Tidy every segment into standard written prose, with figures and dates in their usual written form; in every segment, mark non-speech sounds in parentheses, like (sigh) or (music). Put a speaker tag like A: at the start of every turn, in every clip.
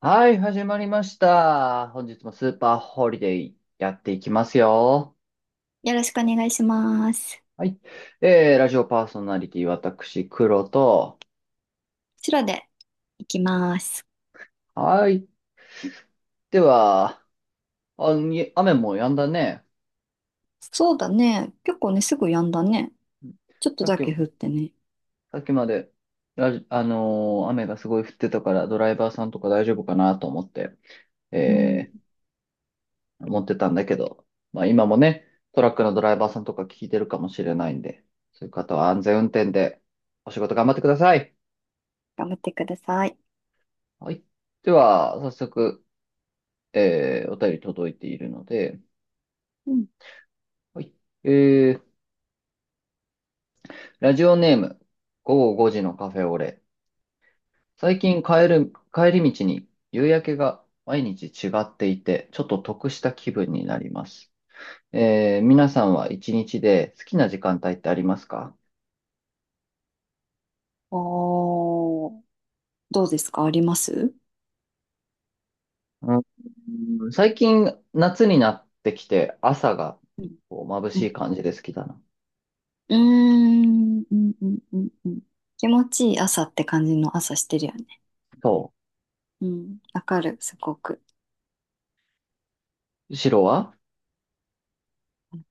A: はい、始まりました。本日もスーパーホリデーやっていきますよ。
B: よろしくお願いします。
A: はい。ラジオパーソナリティ、私、黒と。
B: 白で行きます。
A: はい。では、あ、雨も止んだね。
B: そうだね。結構ね、すぐやんだね。ちょっと
A: さっ
B: だ
A: き、
B: け降ってね。
A: さっきまで、ラジ、あのー雨がすごい降ってたから、ドライバーさんとか大丈夫かなと思って、
B: うん。
A: え思ってたんだけど、まあ今もね、トラックのドライバーさんとか聞いてるかもしれないんで、そういう方は安全運転でお仕事頑張ってください。
B: 頑張ってください。
A: はい。では、早速、お便り届いているので、
B: うん。
A: はい。えーラジオネーム、午後5時のカフェオレ。最近帰り道に夕焼けが毎日違っていて、ちょっと得した気分になります。皆さんは一日で好きな時間帯ってありますか？
B: おー、どうですか、あります？
A: う最近、夏になってきて、朝が
B: うん
A: こう眩
B: う
A: し
B: ん、
A: い感じで好きだな。
B: うーんうんうんうんうん、気持ちいい朝って感じの朝してるよね。
A: そ
B: うん。わかる、すごく。
A: う。白は。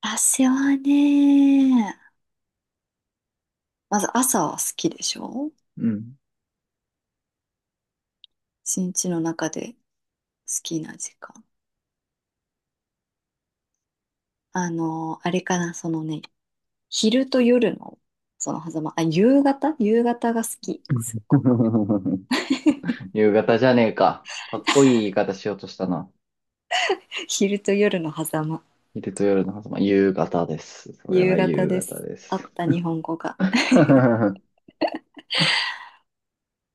B: 私はね、まず朝は好きでしょ、
A: うん。
B: 一日の中で好きな時間。あの、あれかな、そのね、昼と夜の、その狭間、夕方、夕方が好き、すっごく。
A: (laughs)
B: (laughs)
A: 夕方じゃねえか。かっこいい言い方しようとしたな。
B: 昼と夜の狭間、
A: 昼と夜の狭間、夕方です。それ
B: 夕
A: は
B: 方
A: 夕
B: で
A: 方
B: す。
A: で
B: あっ
A: す。
B: た、日本語が。(laughs)
A: (laughs)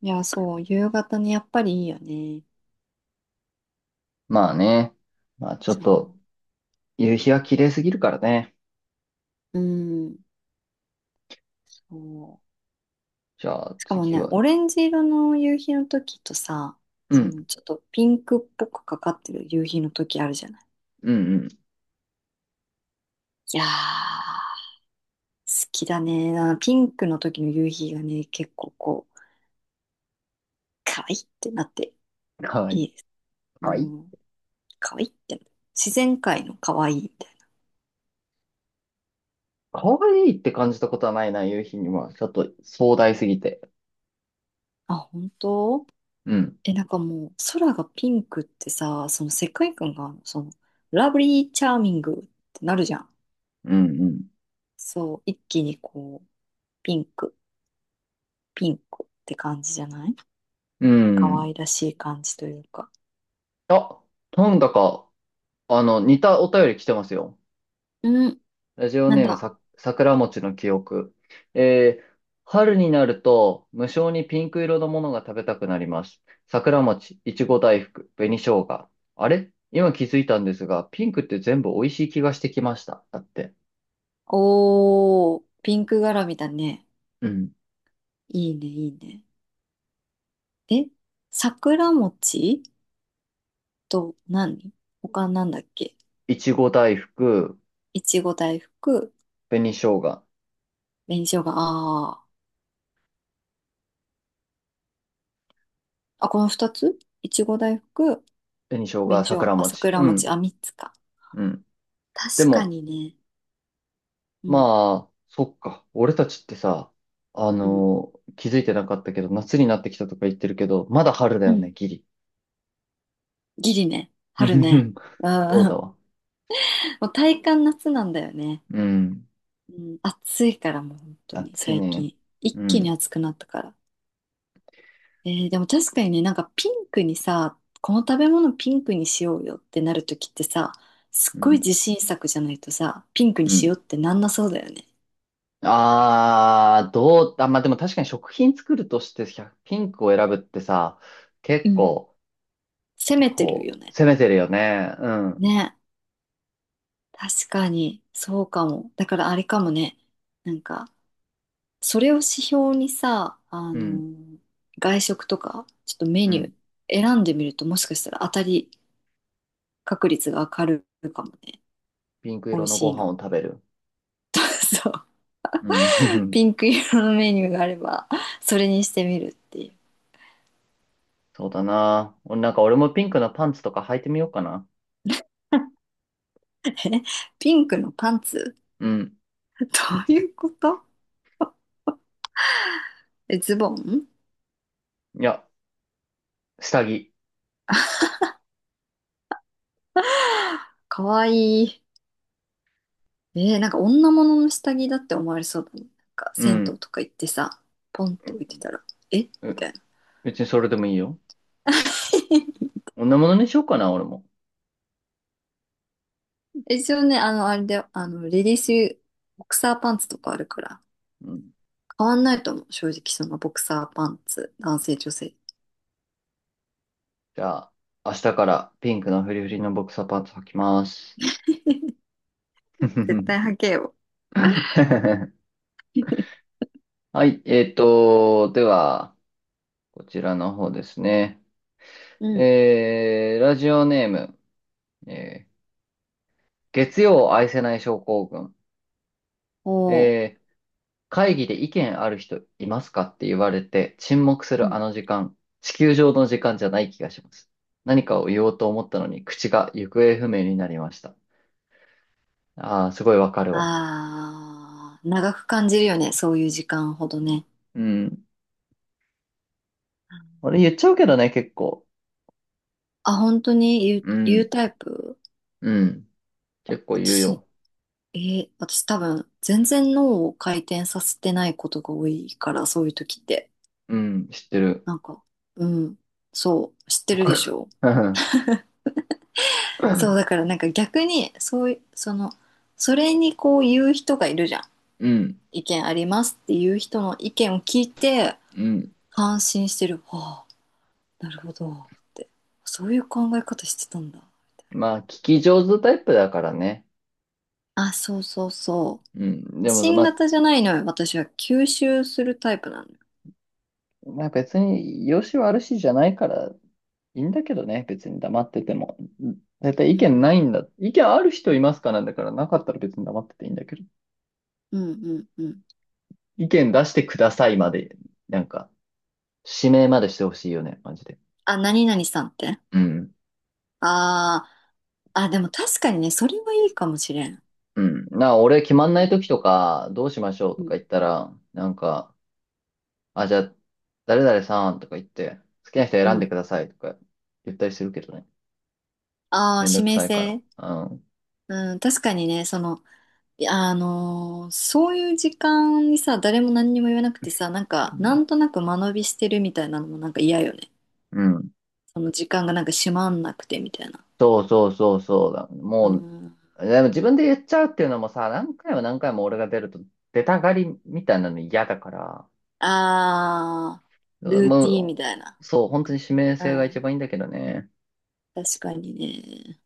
B: いや、そう、夕方ね、やっぱりいいよね。
A: まあね。まあちょっ
B: そ
A: と、夕日は綺麗すぎるからね。
B: う。うん、そう。
A: じゃあ
B: しかも
A: 次
B: ね、
A: は、
B: オレンジ色の夕日の時とさ、
A: う
B: その
A: ん、
B: ちょっとピンクっぽくかかってる夕日の時あるじゃない。
A: うん、
B: いやー、好きだね。あのピンクの時の夕日がね、結構こう、可愛いってなって
A: うん。は
B: い
A: い。
B: いです。う
A: はい。
B: ん、可愛いって、自然界の可愛いみたい
A: 可愛いって感じたことはないな、夕日には。ちょっと壮大すぎて。
B: な。あ、本当？
A: うん、
B: え、なんかもう、空がピンクってさ、その世界観が、ラブリーチャーミングってなるじゃん。
A: うん、
B: そう、一気にこう、ピンク、ピンクって感じじゃない？
A: うん。う
B: 可
A: ん。
B: 愛らしい感じというか。
A: あ、なんだか、似たお便り来てますよ。
B: うん、
A: ラジオ
B: なん
A: ネーム
B: だ。
A: さ、桜餅の記憶。えー春になると無性にピンク色のものが食べたくなります。桜餅、いちご大福、紅生姜。あれ今気づいたんですが、ピンクって全部美味しい気がしてきました。だって。
B: おー、ピンク柄みだね。
A: うん。
B: いいね、いいね。え、桜餅と何、他なんだっけ？
A: いちご大福、
B: いちご大福、
A: 紅生姜、
B: 紅生姜、あー、あ、この二つ、いちご大福、紅生姜、
A: 桜
B: あ、
A: 餅。
B: 桜
A: う
B: 餅、
A: ん。
B: あ、三つか。
A: うん。で
B: 確か
A: も、
B: にね。うん、
A: まあ、そっか。俺たちってさ、
B: うん、
A: 気づいてなかったけど、夏になってきたとか言ってるけど、まだ春だ
B: う
A: よね、
B: ん。
A: ギリ。
B: ギリね。春ね。
A: (laughs) そうだ
B: ああ、
A: わ。
B: (laughs) もう体感夏なんだよね。
A: うん。
B: うん、暑いからもう本当に
A: 暑い
B: 最
A: ね。
B: 近。一
A: う
B: 気に
A: ん。
B: 暑くなったから。えー、でも確かにね、なんかピンクにさ、この食べ物ピンクにしようよってなるときってさ、すっ
A: う
B: ごい
A: ん。
B: 自信作じゃないとさ、ピンクに
A: う
B: し
A: ん。
B: ようってなんなそうだよね。
A: ああ、どう、あ、まあ、でも確かに食品作るとして1ピンクを選ぶってさ、
B: う
A: 結
B: ん、
A: 構、
B: 攻めてる
A: こ
B: よ
A: う、
B: ね。
A: 攻めてるよね。うん。
B: ね。確かに、そうかも。だからあれかもね。なんか、それを指標にさ、
A: うん。
B: 外食とか、ちょっとメ
A: う
B: ニュー
A: ん。
B: 選んでみると、もしかしたら当たり確率が上がるかもね。
A: ピンク
B: 美
A: 色
B: 味
A: の
B: し
A: ご
B: い
A: 飯を
B: の。
A: 食べる。
B: (laughs) そう。
A: うん。(laughs) ふふ。
B: ピンク色のメニューがあれば、それにしてみるっていう。
A: そうだな。俺なんか俺もピンクのパンツとか履いてみようかな。
B: ピンクのパンツ？
A: うん。
B: (laughs) どういうこと？え、ズボン？
A: いや、下着。
B: かわいい。えー、なんか女物の下着だって思われそうだね。なんか
A: う
B: 銭湯
A: ん。
B: とか行ってさ、ポンって置いてたら、え
A: う、
B: みた
A: う
B: いな。
A: 別にそれでもいいよ。
B: (laughs)
A: 女物にしようかな、俺も。
B: 一応ね、あの、あれで、あの、レディース、ボクサーパンツとかあるから、
A: うん
B: 変わんないと思う。正直、そのボクサーパンツ、男性、女性。
A: じゃあ、明日からピンクのフリフ
B: う
A: リ
B: ん。
A: のボクサーパンツ履きます。
B: (laughs)
A: (laughs)
B: 絶対履けよ。
A: はい、では、こちらの方ですね。
B: うん。
A: ラジオネーム、えー月曜を愛せない症候群。
B: おー。
A: えー会議で意見ある人いますかって言われて沈黙す
B: う
A: るあ
B: ん。
A: の時間、地球上の時間じゃない気がします。何かを言おうと思ったのに口が行方不明になりました。ああ、すごいわかるわ。
B: あー、長く感じるよね、そういう時間ほどね。
A: うん。俺言っちゃうけどね、結構。
B: あ、本当に言う、
A: う
B: 言う
A: ん、
B: タイプ？
A: うん。結構言う
B: 私、
A: よ。
B: 私多分、全然脳を回転させてないことが多いから、そういう時って。
A: うん、知ってる。
B: なんか、うん、そう、知ってるでし
A: (laughs)
B: ょ？
A: うん、
B: そう、だからなんか逆に、そういう、その、それにこう言う人がいるじゃん。
A: うん。
B: 意見ありますっていう人の意見を聞いて、
A: うん。
B: 感心してる。はあ、なるほど、って。そういう考え方してたんだ。
A: まあ、聞き上手タイプだからね。
B: あ、そうそうそ
A: うん。
B: う。
A: でも、ま
B: 新
A: あ、
B: 型じゃないのよ。私は吸収するタイプなのよ。
A: 別に、良し悪しじゃないから、いいんだけどね。別に黙ってても。絶対
B: う
A: 意見ない
B: ん。
A: んだ。意見ある人いますかなんだから、なかったら別に黙ってていいんだけど。
B: うんうんうん。
A: 意見出してくださいまで、なんか、指名までしてほしいよね。マジで。
B: あ、何々さんって。
A: うん。
B: ああ、あ、でも確かにね、それはいいかもしれん。
A: うん。なあ、俺決ま
B: う
A: んな
B: ん。
A: い時とか、どうしましょう
B: う
A: と
B: ん。
A: か言ったら、なんか、あ、じゃあ、誰々さんとか言って、好きな人
B: う
A: 選んで
B: ん。
A: くださいとか言ったりするけどね。
B: ああ、
A: めん
B: 指
A: どく
B: 名
A: さいから。
B: 制。
A: うん。
B: うん、確かにね、その、いや、そういう時間にさ、誰も何にも言わなくてさ、なん
A: う
B: か、な
A: ん。
B: んとなく間延びしてるみたいなのもなんか嫌よね。
A: うん
B: その時間がなんか閉まんなくてみたいな。
A: そうそうそうそうだ。
B: う
A: もう、
B: ん。
A: でも自分で言っちゃうっていうのもさ、何回も何回も俺が出ると出たがりみたいなの嫌だから、
B: ああ、ルーティーン
A: も
B: みたいな。
A: う、そう、本当に指名
B: う
A: 性が一
B: ん。
A: 番いいんだけどね。
B: 確かにね。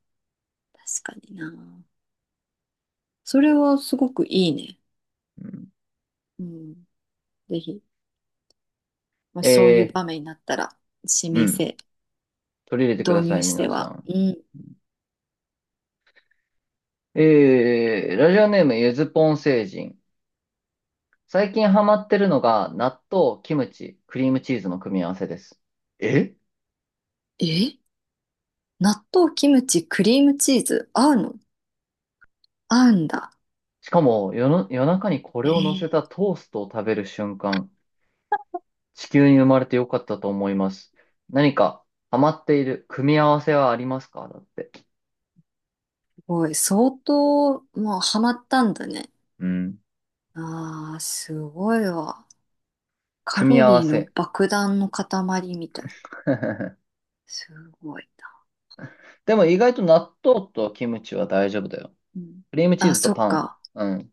B: 確かにな。それはすごくいいね。
A: うん、
B: うん。ぜひ、まあ、そういう
A: え
B: 場面になったら、指
A: ー、う
B: 名
A: ん
B: 制導入しては、うん。
A: 最近ハマってるのが、納豆、キムチ、クリームチーズの組み合わせです。え
B: え、納豆、キムチ、クリームチーズ、合うの？合うんだ。
A: しかも、夜中にこれ
B: え
A: を乗せ
B: ー、す
A: たトーストを食べる瞬間、地球に生まれてよかったと思います。何かハマっている組み合わせはありますかだって。
B: ごい。相当、もうハマったんだね。
A: うん。
B: ああ、すごいわ。カ
A: 組み
B: ロ
A: 合わ
B: リーの
A: せ。
B: 爆弾の塊みたいな。
A: (laughs)
B: すごいな。
A: でも意外と納豆とキムチは大丈夫だよ。
B: うん。
A: クリームチー
B: あ、
A: ズと
B: そっ
A: パン。
B: か。
A: うん。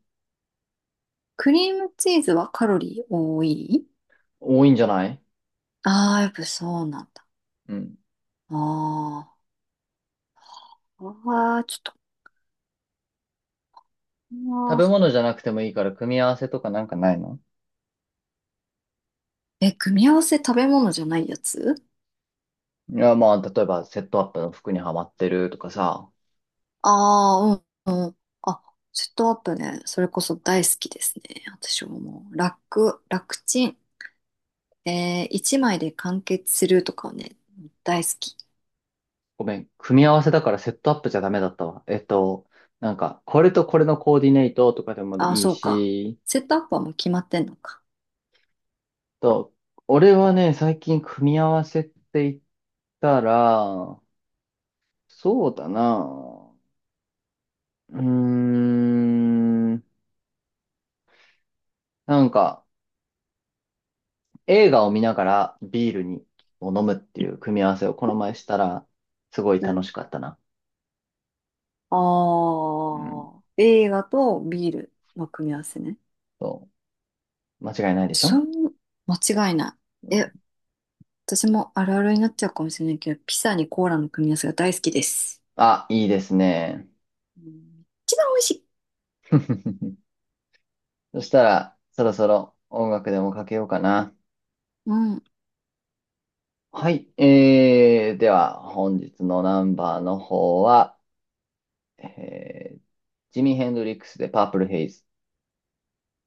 B: クリームチーズはカロリー多い？
A: 多いんじゃない？
B: ああー、やっぱそうなんだ。
A: うん。
B: ああ、ああ、ちょっと。
A: 食
B: あ
A: べ
B: ー、
A: 物じゃなくてもいいから組み合わせとかなんかないの？
B: え、組み合わせ、食べ物じゃないやつ？
A: いや、まあ、例えばセットアップの服にはまってるとかさ、
B: ああー、うん、うん。あ、セットアップね。それこそ大好きですね。私はもう、楽ちん。えー、一枚で完結するとかはね、大好き。
A: ごめん、組み合わせだからセットアップじゃダメだったわ。なんか、これとこれのコーディネートとかでも
B: ああ、
A: いい
B: そうか。
A: し、
B: セットアップはもう決まってんのか。
A: と、俺はね、最近組み合わせって言ったら、そうだな、うーん、なんか、映画を見ながらビールにを飲むっていう組み合わせをこの前したら、すごい
B: う
A: 楽し
B: ん。
A: かったな。うん、
B: ああ、映画とビールの組み合わせね。
A: そう、間違いないでし
B: そ
A: ょ？
B: ん、間違いない。え、私もあるあるになっちゃうかもしれないけど、ピザにコーラの組み合わせが大好きです。
A: あ、いいですね。
B: うん、一番美味しい。
A: (laughs) そしたら、そろそろ音楽でもかけようかな。
B: うん
A: はい。では、本日のナンバーの方は、えージミー・ヘンドリックスでパープルヘイズ。